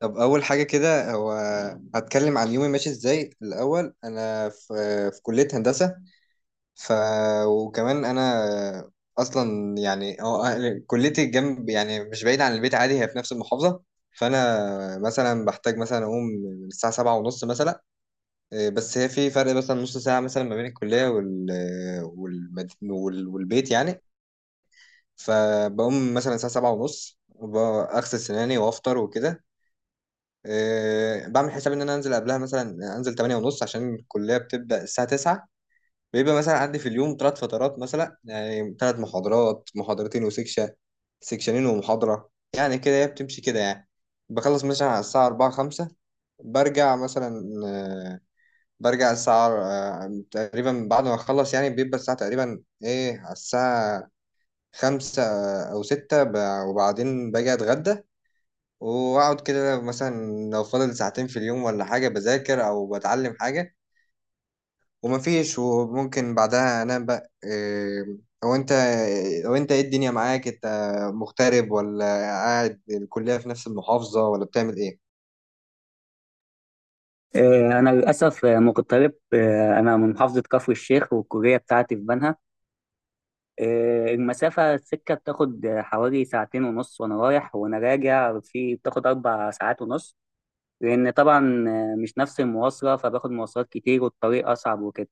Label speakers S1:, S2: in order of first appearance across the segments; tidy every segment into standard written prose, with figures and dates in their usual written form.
S1: طب أول حاجة كده هو هتكلم عن يومي ماشي إزاي. الأول أنا في كلية هندسة. ف وكمان أنا أصلا يعني هو كليتي جنب يعني مش بعيد عن البيت، عادي، هي في نفس المحافظة. فأنا مثلا بحتاج مثلا أقوم من الساعة 7:30 مثلا. إيه، بس هي في فرق مثلا نص ساعة مثلا ما بين الكلية والبيت يعني. فبقوم مثلا الساعة 7:30 أغسل سناني وأفطر وكده. بعمل حساب ان انا انزل قبلها، مثلا انزل 8 ونص، عشان الكليه بتبدا الساعه 9. بيبقى مثلا عندي في اليوم ثلاث فترات، مثلا يعني ثلاث محاضرات، محاضرتين وسكشن، سكشنين ومحاضره. يعني كده هي بتمشي كده يعني. بخلص مثلا على الساعه 4 5. برجع مثلا آه، برجع الساعه تقريبا بعد ما اخلص، يعني بيبقى الساعه تقريبا ايه، على الساعه 5 او 6. وبعدين باجي اتغدى واقعد كده مثلا، لو فاضل ساعتين في اليوم ولا حاجة بذاكر او بتعلم حاجة. ومفيش، وممكن بعدها انام بقى. إيه، او انت او انت ايه الدنيا معاك؟ انت مغترب ولا قاعد الكلية في نفس المحافظة ولا بتعمل ايه؟
S2: أنا للأسف مغترب. أنا من محافظة كفر الشيخ والكلية بتاعتي في بنها. المسافة السكة بتاخد حوالي ساعتين ونص، وأنا رايح وأنا راجع في بتاخد أربع ساعات ونص، لأن طبعا مش نفس المواصلة، فباخد مواصلات كتير والطريق أصعب وكده.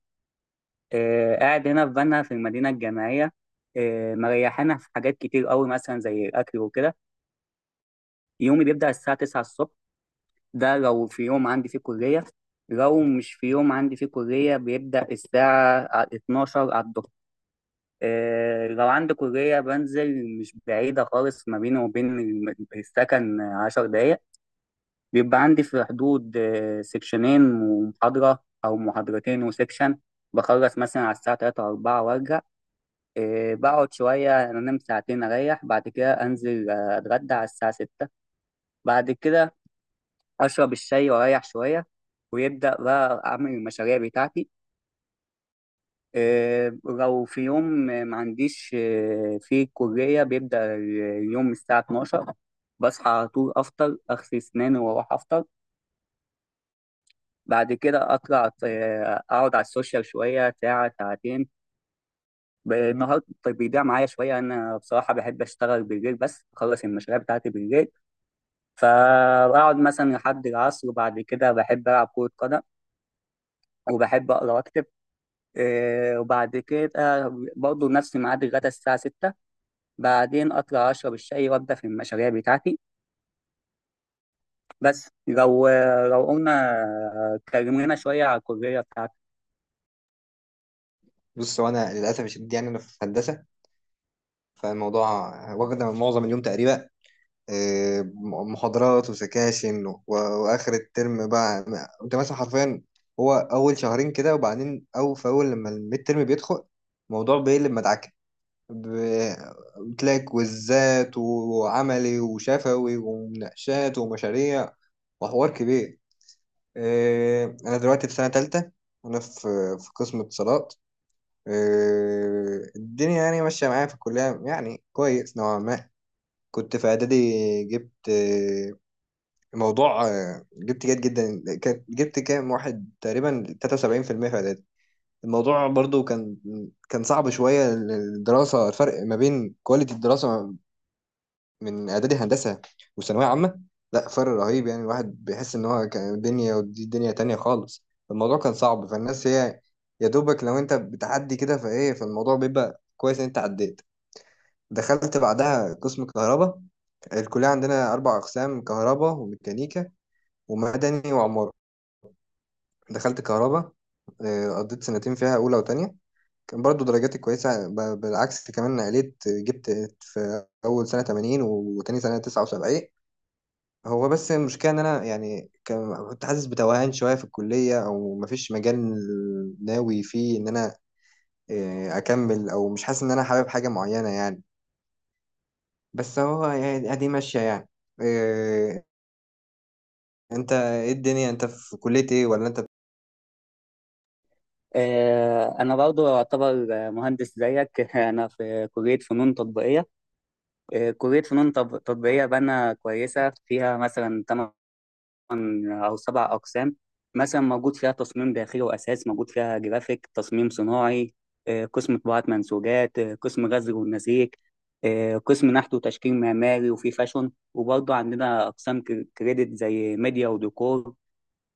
S2: قاعد هنا في بنها في المدينة الجامعية. مريحانا في حاجات كتير قوي، مثلا زي الأكل وكده. يومي بيبدأ الساعة 9 الصبح، ده لو في يوم عندي فيه كلية. لو مش في يوم عندي فيه كلية بيبدأ الساعة 12 على الظهر. لو عندي كلية بنزل، مش بعيدة خالص، ما بيني وبين السكن عشر دقايق. بيبقى عندي في حدود سكشنين ومحاضرة، أو محاضرتين وسكشن. بخلص مثلا على الساعة تلاتة أربعة وأرجع. بقعد شوية، أنام ساعتين أريح، بعد كده أنزل أتغدى على الساعة ستة. بعد كده اشرب الشاي واريح شويه، ويبدا بقى اعمل المشاريع بتاعتي. لو في يوم ما عنديش في الكليه بيبدا اليوم الساعه 12. بصحى على طول، افطر، اغسل اسناني واروح افطر. بعد كده اطلع اقعد على السوشيال شويه، ساعه ساعتين. النهار طيب بيضيع معايا شويه. انا بصراحه بحب اشتغل بالليل، بس اخلص المشاريع بتاعتي بالليل، فبقعد مثلا لحد العصر. وبعد كده بحب العب كره قدم، وبحب اقرا واكتب. وبعد كده برضه نفس ميعاد الغدا الساعة 6. بعدين أطلع أشرب الشاي وأبدأ في المشاريع بتاعتي. بس لو، لو قلنا اتكلمنا شوية على الكلية بتاعتي.
S1: بص هو انا للاسف الشديد يعني انا في هندسة، فالموضوع واخد معظم اليوم تقريبا. محاضرات وسكاشن واخر الترم بقى انت مثلا حرفيا. هو اول شهرين كده، وبعدين او في اول لما الميد ترم بيدخل الموضوع بيقلب مدعكه. ب- بتلاقي كويزات وعملي وشفوي ومناقشات ومشاريع وحوار كبير. انا دلوقتي في سنه تالتة، انا في قسم اتصالات. الدنيا يعني ماشيه معايا في الكليه يعني كويس نوعا ما. كنت في اعدادي جبت الموضوع. جبت جيد جدا، جبت كام واحد؟ تقريبا 73% في المية في اعدادي. الموضوع برضو كان صعب شوية الدراسة. الفرق ما بين كواليتي الدراسة من اعدادي هندسة وثانوية عامة، لا فرق رهيب يعني. الواحد بيحس ان هو كان دنيا ودي دنيا تانية خالص. الموضوع كان صعب، فالناس هي يا دوبك لو انت بتعدي كده فايه، فالموضوع بيبقى كويس ان انت عديت. دخلت بعدها قسم كهرباء. الكلية عندنا أربع أقسام: كهرباء وميكانيكا ومدني وعمارة. دخلت كهرباء. قضيت سنتين فيها، أولى وتانية. كان برضو درجاتي كويسة، بالعكس، كمان عليت، جبت في أول سنة 80 وتاني سنة 79. هو بس المشكلة إن أنا يعني كنت حاسس بتوهان شوية في الكلية، أو مفيش مجال ناوي فيه إن أنا أكمل، أو مش حاسس إن أنا حابب حاجة معينة يعني. بس هو يعني أدي ماشية يعني. آه، أنت إيه الدنيا؟ أنت في كلية إيه ولا أنت؟
S2: أنا برضه أعتبر مهندس زيك أنا في كلية فنون تطبيقية. كلية فنون تطبيقية بنا كويسة، فيها مثلا تمن او سبع اقسام. مثلا موجود فيها تصميم داخلي واساس، موجود فيها جرافيك، تصميم صناعي، قسم طباعه منسوجات، قسم غزل ونسيج، قسم نحت وتشكيل معماري، وفي فاشون، وبرضه عندنا اقسام كريدت زي ميديا وديكور.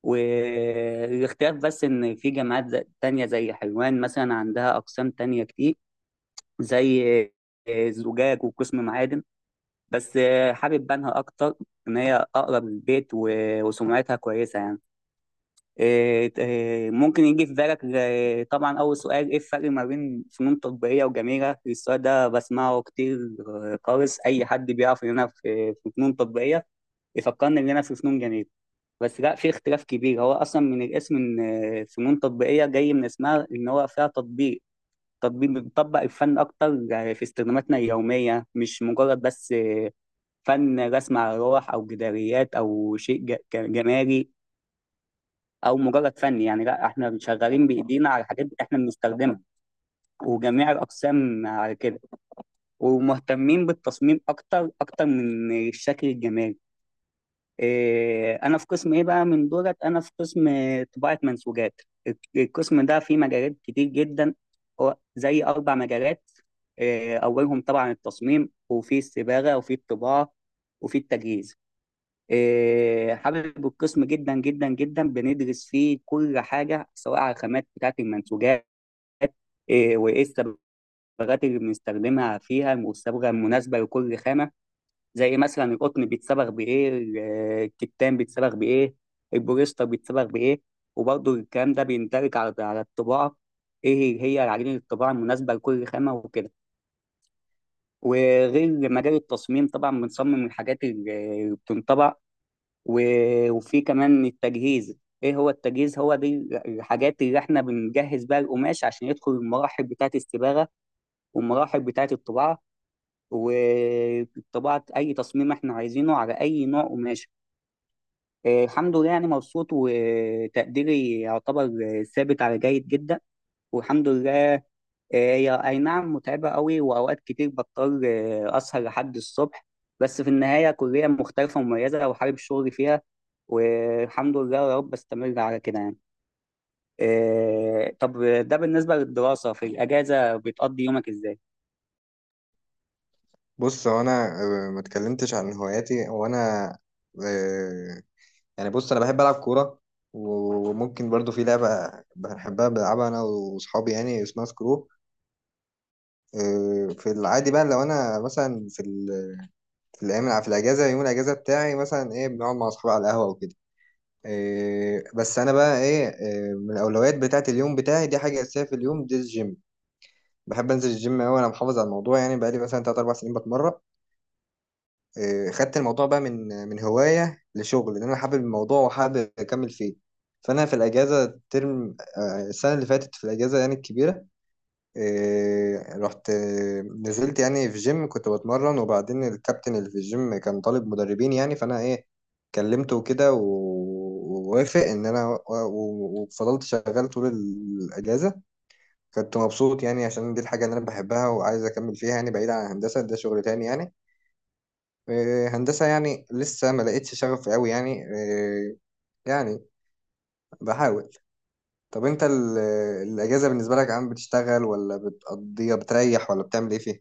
S2: والاختلاف بس ان في جامعات تانية زي حلوان مثلا عندها اقسام تانية كتير، زي زجاج وقسم معادن. بس حابب بنها اكتر، ان هي اقرب للبيت وسمعتها كويسه يعني. إيه، إيه، ممكن يجي في بالك، إيه، طبعا أول سؤال إيه الفرق ما بين فنون تطبيقية وجميلة؟ السؤال ده بسمعه كتير خالص. أي حد بيعرف إن أنا في فنون تطبيقية يفكرني إن أنا في فنون جميلة، بس لا، في اختلاف كبير. هو أصلا من الاسم، إن فنون تطبيقية جاي من اسمها إن هو فيها تطبيق. بنطبق الفن أكتر في استخداماتنا اليومية، مش مجرد بس فن رسم على لوح أو جداريات أو شيء جمالي او مجرد فني يعني. لا، احنا شغالين بايدينا على حاجات احنا بنستخدمها، وجميع الاقسام على كده، ومهتمين بالتصميم اكتر من الشكل الجمالي. إيه، انا في قسم ايه بقى من دولت؟ انا في قسم طباعة منسوجات. القسم ده فيه مجالات كتير جدا، هو زي اربع مجالات. إيه، اولهم طبعا التصميم، وفي الصباغة، وفي الطباعة، وفي التجهيز. إيه، حابب القسم جدا جدا جدا. بندرس فيه كل حاجة، سواء على الخامات بتاعة المنسوجات، إيه، وإيه الصبغات اللي بنستخدمها فيها، والصبغة المناسبة لكل خامة. زي مثلا القطن بيتصبغ بإيه، الكتان بيتصبغ بإيه، البوليستر بيتصبغ بإيه. وبرضه الكلام ده بيندرج على الطباعة، إيه هي عجينة الطباعة المناسبة لكل خامة وكده. وغير مجال التصميم طبعا، بنصمم الحاجات اللي بتنطبع، وفي كمان التجهيز. ايه هو التجهيز؟ هو دي الحاجات اللي احنا بنجهز بيها القماش عشان يدخل المراحل بتاعه الصباغه والمراحل بتاعه الطباعه، وطباعه اي تصميم احنا عايزينه على اي نوع قماش. الحمد لله، يعني مبسوط، وتقديري يعتبر ثابت على جيد جدا، والحمد لله. هي أي نعم متعبة قوي، وأوقات كتير بضطر أسهر لحد الصبح، بس في النهاية كلية مختلفة ومميزة، وحابب شغلي فيها، والحمد لله يا رب أستمر على كده يعني. طب ده بالنسبة للدراسة، في الأجازة بتقضي يومك إزاي؟
S1: بص هو انا ما اتكلمتش عن هواياتي. هو انا آه، يعني بص، انا بحب العب كوره. وممكن برضو في لعبه بحبها بلعبها انا واصحابي، يعني اسمها سكرو. في العادي بقى لو انا مثلا في الايام، في الاجازه يوم الاجازه بتاعي مثلا ايه، بنقعد مع اصحابي على القهوه وكده. بس انا بقى ايه، من الاولويات بتاعه اليوم بتاعي دي، حاجه اساسيه في اليوم دي الجيم. بحب انزل الجيم قوي، انا محافظ على الموضوع يعني بقالي مثلا 3 4 سنين بتمرن. خدت الموضوع بقى من هواية لشغل، لأن أنا حابب الموضوع وحابب أكمل فيه. فأنا في الأجازة الترم، السنة اللي فاتت في الأجازة يعني الكبيرة، رحت، نزلت يعني في جيم كنت بتمرن، وبعدين الكابتن اللي في الجيم كان طالب مدربين، يعني فأنا إيه، كلمته كده ووافق إن أنا وفضلت شغال طول الأجازة. كنت مبسوط يعني عشان دي الحاجة اللي أنا بحبها وعايز أكمل فيها، يعني بعيد عن الهندسة، ده شغل تاني يعني. هندسة يعني لسه ما لقيتش شغف قوي يعني، يعني بحاول. طب انت الأجازة بالنسبة لك، عم بتشتغل ولا بتقضيها بتريح ولا بتعمل ايه فيها؟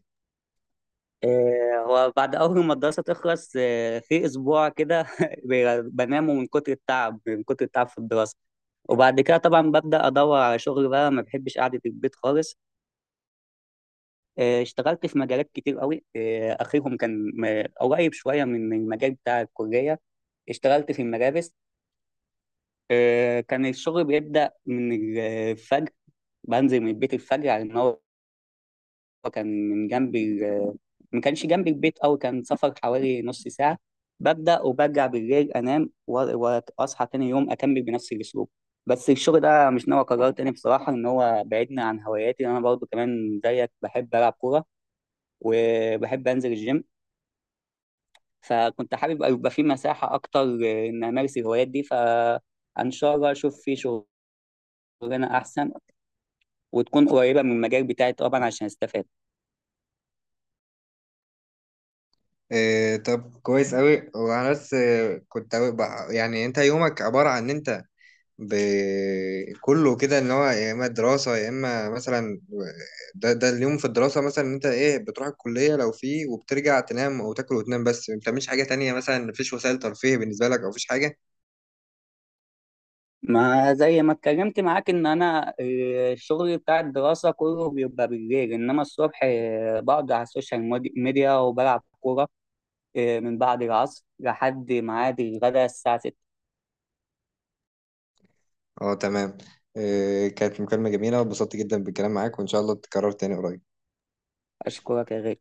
S2: هو بعد أول ما الدراسة تخلص في أسبوع كده بنامه من كتر التعب، في الدراسة. وبعد كده طبعا ببدأ أدور على شغل بقى، ما بحبش قعدة البيت خالص. اشتغلت في مجالات كتير قوي، اخرهم كان قريب شويه من المجال بتاع الكليه. اشتغلت في الملابس. كان الشغل بيبدا من الفجر. بنزل من البيت الفجر، على ان هو كان من جنب ما كانش جنب البيت قوي، كان سفر حوالي نص ساعه. ببدا، وبرجع بالليل انام، واصحى تاني يوم اكمل بنفس الاسلوب. بس الشغل ده مش ناوي اكرره تاني بصراحه، ان هو بعدني عن هواياتي. انا برضو كمان زيك بحب العب كوره وبحب انزل الجيم، فكنت حابب يبقى في مساحة أكتر إن أمارس الهوايات دي. فإن شاء الله أشوف في شغلانة أحسن، وتكون قريبة من المجال بتاعي طبعا عشان أستفاد.
S1: طب كويس قوي. وانا بس كنت أوي يعني انت يومك عبارة عن ان انت ب... كله كده ان هو يا اما دراسة يا اما مثلا ده اليوم في الدراسة، مثلا إن انت ايه بتروح الكلية لو في، وبترجع تنام او تاكل وتنام بس ما بتعملش حاجة تانية. مثلا مفيش وسائل ترفيه بالنسبة لك او مفيش حاجة؟
S2: ما زي ما اتكلمت معاك إن أنا الشغل بتاع الدراسة كله بيبقى بالليل، إنما الصبح بقعد على السوشيال ميديا وبلعب كورة. من بعد العصر لحد ميعاد الغداء الساعة 6.
S1: اه تمام. كانت مكالمة جميلة واتبسطت جدا بالكلام معاك، وإن شاء الله تتكرر تاني قريب.
S2: أشكرك يا غالي.